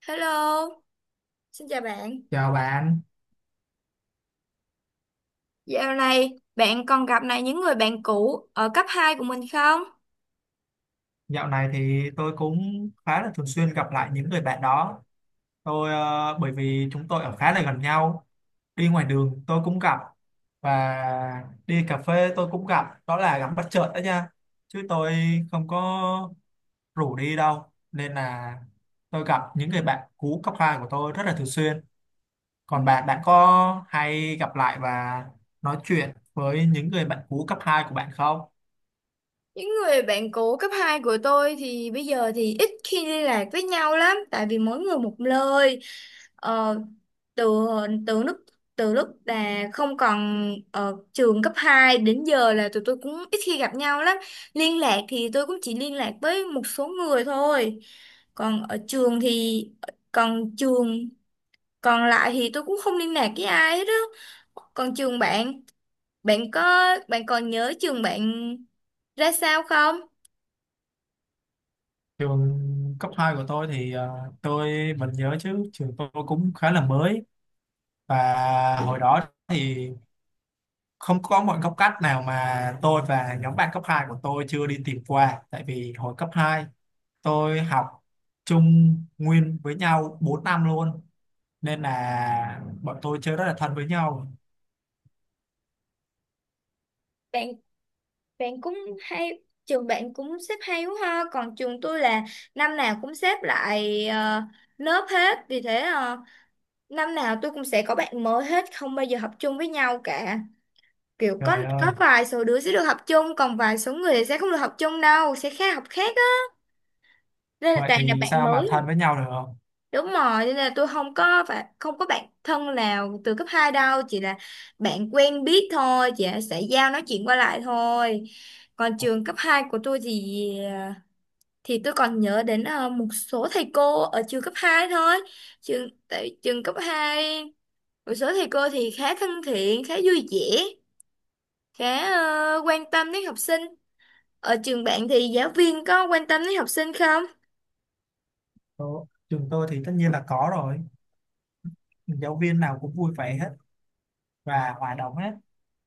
Hello, xin chào bạn. Chào bạn, Dạo này bạn còn gặp lại những người bạn cũ ở cấp 2 của mình không? dạo này thì tôi cũng khá là thường xuyên gặp lại những người bạn đó. Tôi bởi vì chúng tôi ở khá là gần nhau, đi ngoài đường tôi cũng gặp và đi cà phê tôi cũng gặp, đó là gặp bất chợt đó nha. Chứ tôi không có rủ đi đâu nên là tôi gặp những người bạn cũ cấp 2 của tôi rất là thường xuyên. Ừ. Còn bạn, bạn có hay gặp lại và nói chuyện với những người bạn cũ cấp 2 của bạn không? Những người bạn cũ cấp 2 của tôi thì bây giờ thì ít khi liên lạc với nhau lắm tại vì mỗi người một nơi. Ờ, từ từ lúc từ lúc là không còn ở trường cấp 2 đến giờ là tụi tôi cũng ít khi gặp nhau lắm. Liên lạc thì tôi cũng chỉ liên lạc với một số người thôi. Còn ở trường thì còn trường còn lại thì tôi cũng không liên lạc với ai hết á. Còn trường bạn, bạn có bạn còn nhớ trường bạn ra sao không? Trường cấp 2 của tôi thì tôi vẫn nhớ chứ, trường tôi cũng khá là mới, và hồi đó thì không có một góc cắt nào mà tôi và nhóm bạn cấp 2 của tôi chưa đi tìm qua, tại vì hồi cấp 2 tôi học chung nguyên với nhau 4 năm luôn, nên là bọn tôi chơi rất là thân với nhau. Bạn bạn cũng hay, trường bạn cũng xếp hay quá ha. Còn trường tôi là năm nào cũng xếp lại lớp hết, vì thế năm nào tôi cũng sẽ có bạn mới hết, không bao giờ học chung với nhau cả. Kiểu có Trời ơi, có vài số đứa sẽ được học chung, còn vài số người sẽ không được học chung đâu, sẽ khác học khác á, nên là vậy toàn là thì bạn sao mà thân mới. với nhau được không? Đúng rồi, nên là tôi không có, phải không có bạn thân nào từ cấp 2 đâu, chỉ là bạn quen biết thôi, chỉ là xã giao nói chuyện qua lại thôi. Còn trường cấp 2 của tôi thì thì tôi còn nhớ đến một số thầy cô ở trường cấp 2 thôi. Tại trường cấp 2 một số thầy cô thì khá thân thiện, khá vui vẻ, khá quan tâm đến học sinh. Ở trường bạn thì giáo viên có quan tâm đến học sinh không? Đó, trường tôi thì tất nhiên là có rồi, giáo viên nào cũng vui vẻ hết và hòa đồng hết,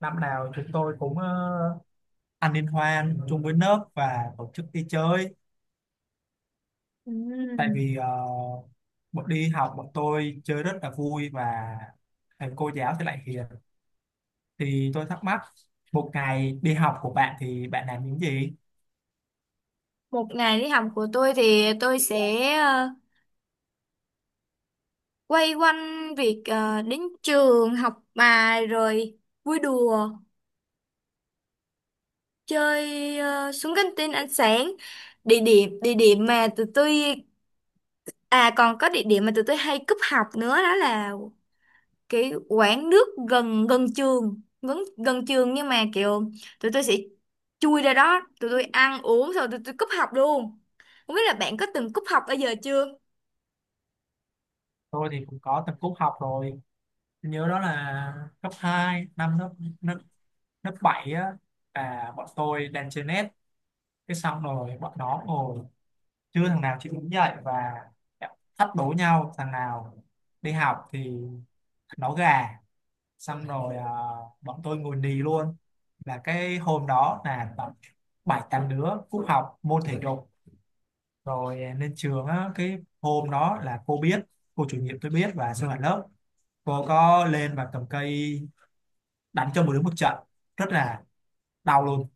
năm nào chúng tôi cũng ăn liên hoan chung với lớp và tổ chức đi chơi, tại Ừm. vì bọn đi học bọn tôi chơi rất là vui và thầy cô giáo thì lại hiền. Thì tôi thắc mắc, một ngày đi học của bạn thì bạn làm những gì? Một ngày đi học của tôi thì tôi sẽ quay quanh việc đến trường học bài, rồi vui đùa chơi, xuống căng tin ăn sáng. Địa điểm mà tụi tôi, à, còn có địa điểm mà tụi tôi hay cúp học nữa, đó là cái quán nước gần gần trường, gần gần trường nhưng mà kiểu tụi tôi sẽ chui ra đó, tụi tôi ăn uống xong tụi tôi cúp học luôn. Không biết là bạn có từng cúp học bao giờ chưa? Tôi thì cũng có tập cúp học rồi. Tôi nhớ đó là cấp hai, năm lớp lớp, lớp 7 á, và bọn tôi đang chơi net, cái xong rồi bọn nó ngồi chưa thằng nào chịu đứng dậy và thách đố nhau thằng nào đi học thì nó gà. Xong rồi bọn tôi ngồi nì luôn, là cái hôm đó là tầm bảy tám đứa cúp học môn thể dục, rồi lên trường á, cái hôm đó là cô biết, cô chủ nhiệm tôi biết và sinh hoạt lớp, cô có lên và cầm cây đánh cho một đứa một trận rất là đau luôn.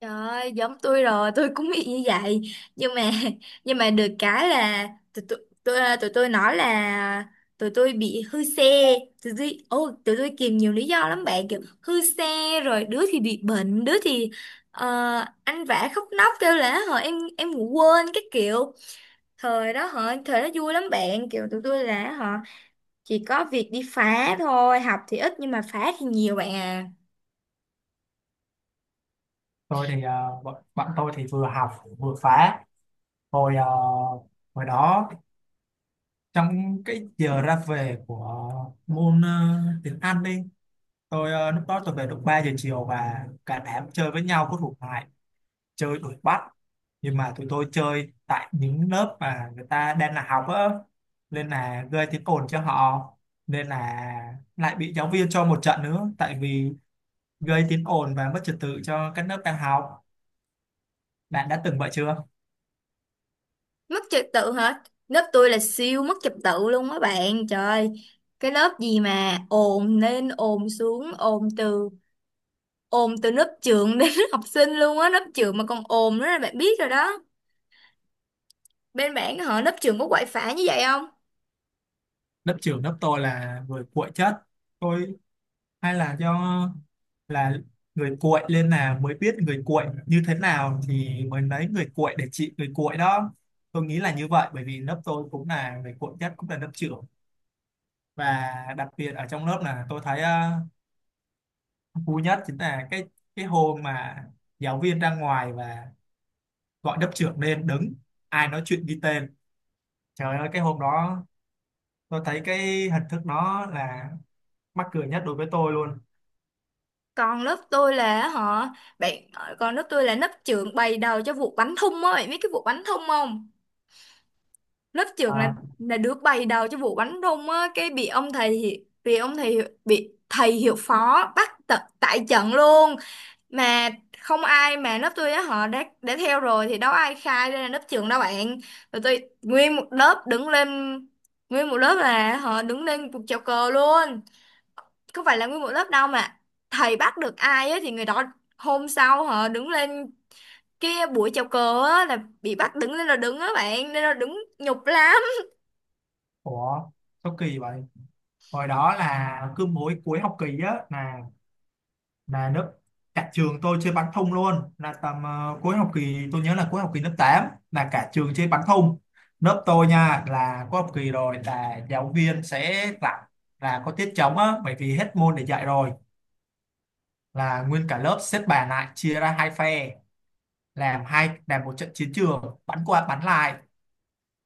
Trời ơi, giống tôi rồi, tôi cũng bị như vậy. Nhưng mà nhưng mà được cái là tụi tôi, tụi, tụi tôi nói là tụi tôi bị hư xe, tụi tôi, ô, tụi tôi kìm nhiều lý do lắm bạn, kiểu hư xe, rồi đứa thì bị bệnh, đứa thì ờ, ăn vạ khóc nóc kêu là họ em ngủ quên cái kiểu. Thời đó họ, thời đó vui lắm bạn, kiểu tụi tôi là họ chỉ có việc đi phá thôi, học thì ít nhưng mà phá thì nhiều bạn à. Tôi thì bọn tôi thì vừa học vừa phá. Hồi à, hồi đó, trong cái giờ ra về của môn tiếng Anh đi, tôi lúc đó tôi về được 3 giờ chiều, và cả đám chơi với nhau có thuộc lại, chơi đuổi bắt, nhưng mà tụi tôi chơi tại những lớp mà người ta đang là học á, nên là gây tiếng ồn cho họ, nên là lại bị giáo viên cho một trận nữa, tại vì gây tiếng ồn và mất trật tự cho các lớp đang học. Bạn đã từng vậy chưa? Mất trật tự hả? Lớp tôi là siêu mất trật tự luôn á bạn, trời ơi, cái lớp gì mà ồn lên ồn xuống, ồn từ lớp trưởng đến lớp học sinh luôn á, lớp trưởng mà còn ồn nữa là bạn biết rồi đó. Bên bạn họ, lớp trưởng có quậy phá như vậy không? Lớp trưởng lớp tôi là người cuội chất, tôi hay là do là người cuội lên là mới biết người cuội như thế nào thì mới lấy người cuội để trị người cuội đó, tôi nghĩ là như vậy bởi vì lớp tôi cũng là người cuội nhất cũng là lớp trưởng. Và đặc biệt ở trong lớp là tôi thấy vui nhất chính là cái hôm mà giáo viên ra ngoài và gọi lớp trưởng lên đứng, ai nói chuyện ghi tên. Trời ơi, cái hôm đó tôi thấy cái hình thức nó là mắc cười nhất đối với tôi luôn. Còn lớp tôi là họ, bạn, còn lớp tôi là lớp trưởng bày đầu cho vụ bánh thung á, bạn biết cái vụ bánh thung không? Lớp trưởng à, là đứa bày đầu cho vụ bánh thung á, cái bị ông thầy, bị thầy hiệu phó bắt tại trận luôn. Mà không ai, mà lớp tôi á họ đã theo rồi thì đâu ai khai ra là lớp trưởng đâu bạn. Rồi tôi nguyên một lớp đứng lên, nguyên một lớp là họ đứng lên cuộc chào cờ luôn. Không phải là nguyên một lớp đâu, mà thầy bắt được ai á thì người đó hôm sau họ đứng lên kia buổi chào cờ á, là bị bắt đứng lên là đứng á bạn, nên là đứng nhục lắm. ủa sao kỳ vậy? Hồi đó là cứ mỗi cuối học kỳ á là lớp cả trường tôi chơi bắn thông luôn, là tầm cuối học kỳ, tôi nhớ là cuối học kỳ lớp 8 là cả trường chơi bắn thông. Lớp tôi nha, là cuối học kỳ rồi là giáo viên sẽ tặng, là có tiết trống á bởi vì hết môn để dạy rồi, là nguyên cả lớp xếp bàn lại chia ra hai phe, làm hai, làm một trận chiến trường bắn qua bắn lại.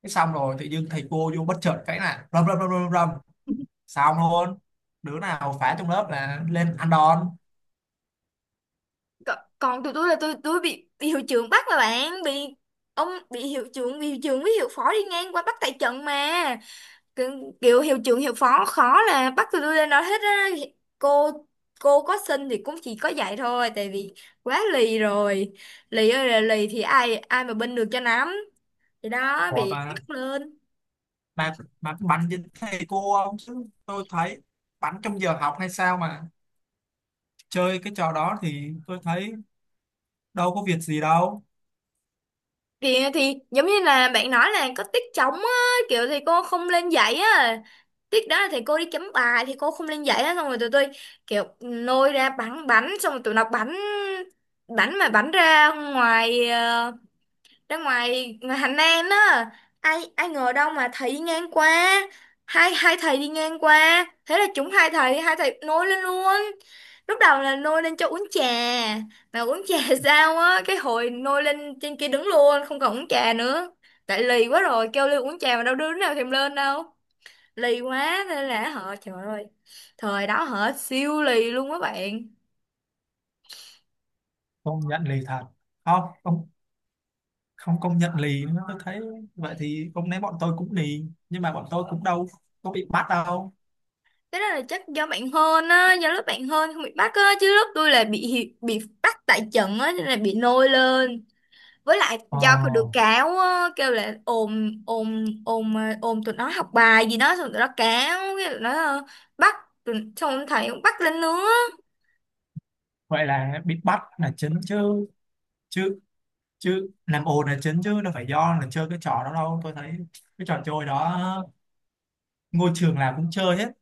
Thế xong rồi tự dưng thầy cô vô bất chợt cái là rầm rầm rầm rầm rầm, xong luôn, đứa nào phá trong lớp là lên ăn đòn. Còn tụi tôi là tôi bị hiệu trưởng bắt mà bạn, bị ông, bị hiệu trưởng, với hiệu phó đi ngang qua bắt tại trận mà. Kiểu, kiểu hiệu trưởng hiệu phó khó là bắt tụi tôi lên nói hết á. Cô cô có xin thì cũng chỉ có dạy thôi, tại vì quá lì rồi, lì ơi là lì, thì ai ai mà binh được cho nắm, thì đó Ủa bị bà, bắt lên. bà, bà có bắn với thầy cô không? Chứ tôi thấy bắn trong giờ học hay sao mà chơi cái trò đó thì tôi thấy đâu có việc gì đâu. Kìa thì giống như là bạn nói là có tiết trống á, kiểu thì cô không lên dạy á, tiết đó là thầy cô đi chấm bài thì cô không lên dạy á, xong rồi tụi tôi kiểu nôi ra bắn bánh, xong rồi tụi nó bắn, bắn mà bắn ra ngoài, ra ngoài, ngoài Hành An á, ai ai ngờ đâu mà thầy đi ngang qua, hai hai thầy đi ngang qua, thế là chúng, hai thầy nôi lên luôn. Lúc đầu là nôi lên cho uống trà, mà uống trà sao á, cái hồi nôi lên trên kia đứng luôn, không còn uống trà nữa. Tại lì quá rồi, kêu lên uống trà mà đâu đứa nào thèm lên đâu, lì quá nên là họ, trời ơi, thời đó họ siêu lì luôn các bạn. Công nhận lì thật. Không, không, không công nhận lì nữa. Tôi thấy vậy thì hôm nay bọn tôi cũng lì. Nhưng mà bọn tôi cũng đâu có bị bắt đâu. Thế đó là chắc do bạn hơn á, do lớp bạn hơn không bị bắt á, chứ lớp tôi là bị bị bắt tại trận á, nên là bị nôi lên. Với lại Ờ, do có được cáo á, kêu là ồn ồn ồn, ồn tụi nó học bài gì đó, xong tụi nó cáo, cái tụi nó, bắt, tụi, xong ông thầy cũng bắt lên nữa. vậy là bị bắt là chính chứ. Chứ, chứ làm ồn là chính chứ. Đâu phải do là chơi cái trò đó đâu. Tôi thấy cái trò chơi đó ngôi trường nào cũng chơi hết.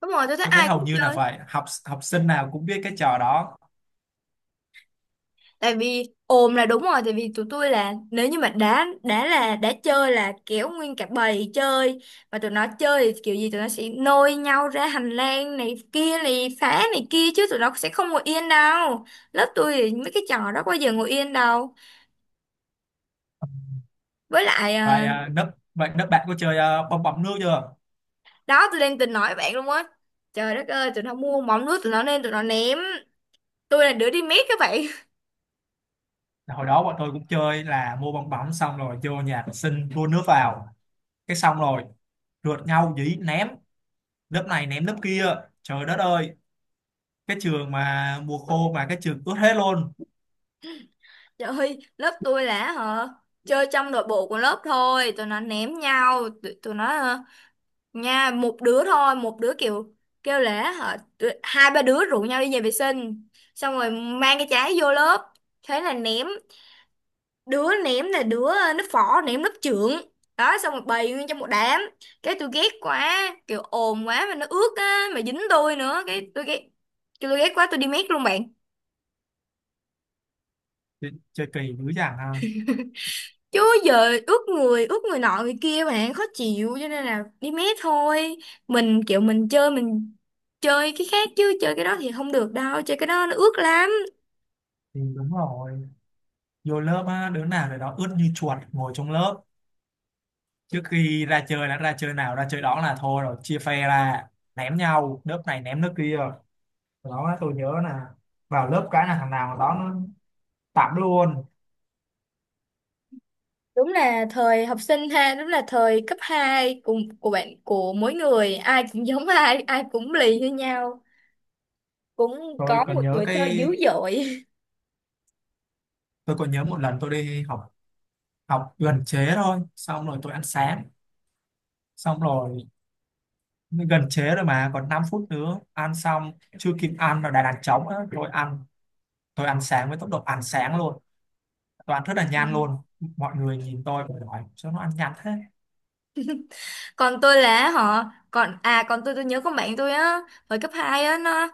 Đúng rồi, tôi thấy Tôi thấy ai cũng hầu như là chơi. phải học học sinh nào cũng biết cái trò đó. Tại vì ồn là đúng rồi, tại vì tụi tôi là nếu như mà đã là đã chơi là kéo nguyên cả bầy chơi, và tụi nó chơi thì kiểu gì tụi nó sẽ nôi nhau ra hành lang này kia này phá này kia, chứ tụi nó sẽ không ngồi yên đâu. Lớp tôi thì mấy cái trò đó bao giờ ngồi yên đâu. Với lại Vậy à, à, lớp bạn có chơi bong bóng nước chưa? đó tôi đang tính nói với bạn luôn á. Trời đất ơi, tụi nó mua mỏng nước tụi nó, nên tụi nó ném, tôi là đứa đi mét các bạn. Hồi đó bọn tôi cũng chơi là mua bong bóng, xong rồi vô nhà vệ sinh đua nước vào, cái xong rồi rượt nhau dí ném, lớp này ném lớp kia. Trời đất ơi, cái trường mà mùa khô mà cái trường ướt hết luôn. Trời ơi, lớp tôi là hả chơi trong nội bộ của lớp thôi, tụi nó ném nhau, tụi nó nha, một đứa thôi, một đứa kiểu kêu lễ hả, tụi-, hai ba đứa rủ nhau đi nhà vệ sinh, xong rồi mang cái trái vô lớp, thế là ném. Đứa ném là đứa nó phỏ ném lớp trưởng, đó xong rồi bày nguyên trong một đám, cái tôi ghét quá, kiểu ồn quá mà nó ướt á mà dính tôi nữa, cái tôi ghét, quá tôi đi mét luôn bạn. Chơi kỳ dữ dằn ha. Chứ giờ ướt người nọ người kia bạn khó chịu, cho nên là đi mé thôi. Mình kiểu mình chơi, cái khác, chứ chơi cái đó thì không được đâu, chơi cái đó nó ướt lắm. Thì đúng rồi, vô lớp á đứa nào để đó ướt như chuột ngồi trong lớp, trước khi ra chơi đã, ra chơi nào ra chơi đó là thôi rồi, chia phe ra ném nhau, lớp này ném lớp kia. Đó, tôi nhớ là vào lớp cái là thằng nào đó nó tạm luôn. Đúng là thời học sinh ha, đúng là thời cấp 2 của bạn, của mỗi người ai cũng giống ai, ai cũng lì như nhau, cũng Rồi có còn một nhớ tuổi thơ dữ cái, dội. tôi còn nhớ một lần tôi đi học, học gần chế thôi, xong rồi tôi ăn sáng, xong rồi gần chế rồi mà còn 5 phút nữa ăn xong, chưa kịp ăn là đã đàn trống á, tôi ăn sáng với tốc độ ăn sáng luôn, tôi ăn rất là nhanh luôn, mọi người nhìn tôi và hỏi sao nó ăn nhanh thế. Còn tôi là họ, còn à, còn tôi nhớ con bạn tôi á, hồi cấp 2 á nó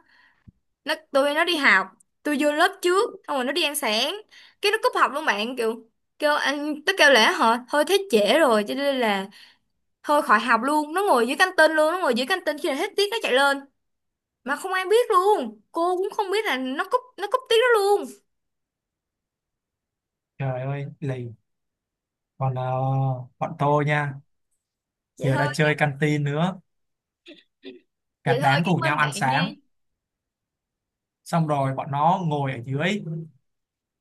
nó tôi, nó đi học, tôi vô lớp trước xong rồi nó đi ăn sáng, cái nó cúp học luôn bạn, kiểu kêu anh tôi kêu lẽ hả, thôi thế trễ rồi cho nên là thôi khỏi học luôn, nó ngồi dưới căng tin luôn, nó ngồi dưới căng tin khi nào hết tiết nó chạy lên, mà không ai biết luôn, cô cũng không biết là nó cúp, tiết đó luôn. Trời ơi lì. Còn bọn tôi nha, Vậy giờ thôi. đã chơi canteen nữa, Vậy cả thôi, đám cái rủ nhau bên bạn ăn nha. sáng xong rồi bọn nó ngồi ở dưới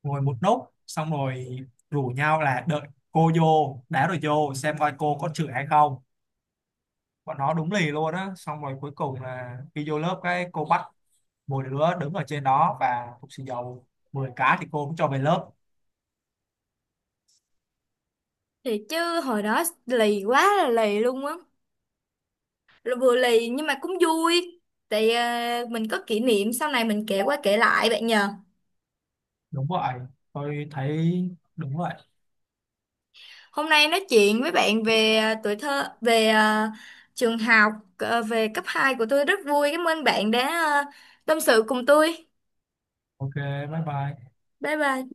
ngồi một nốt, xong rồi rủ nhau là đợi cô vô đá rồi vô xem coi cô có chửi hay không. Bọn nó đúng lì luôn á, xong rồi cuối cùng là khi vô lớp cái cô bắt mỗi đứa đứng ở trên đó và phục xì dầu 10 cái thì cô cũng cho về lớp. Thì chứ hồi đó lì quá là lì luôn á. Rồi vừa lì nhưng mà cũng vui, tại à, mình có kỷ niệm sau này mình kể qua kể lại bạn nhờ. Đúng vậy. Tôi thấy đúng vậy. Hôm nay nói chuyện với bạn về à, tuổi thơ, về à, trường học, à, về cấp 2 của tôi rất vui. Cảm ơn bạn đã à, tâm sự cùng tôi. Ok, bye bye. Bye bye.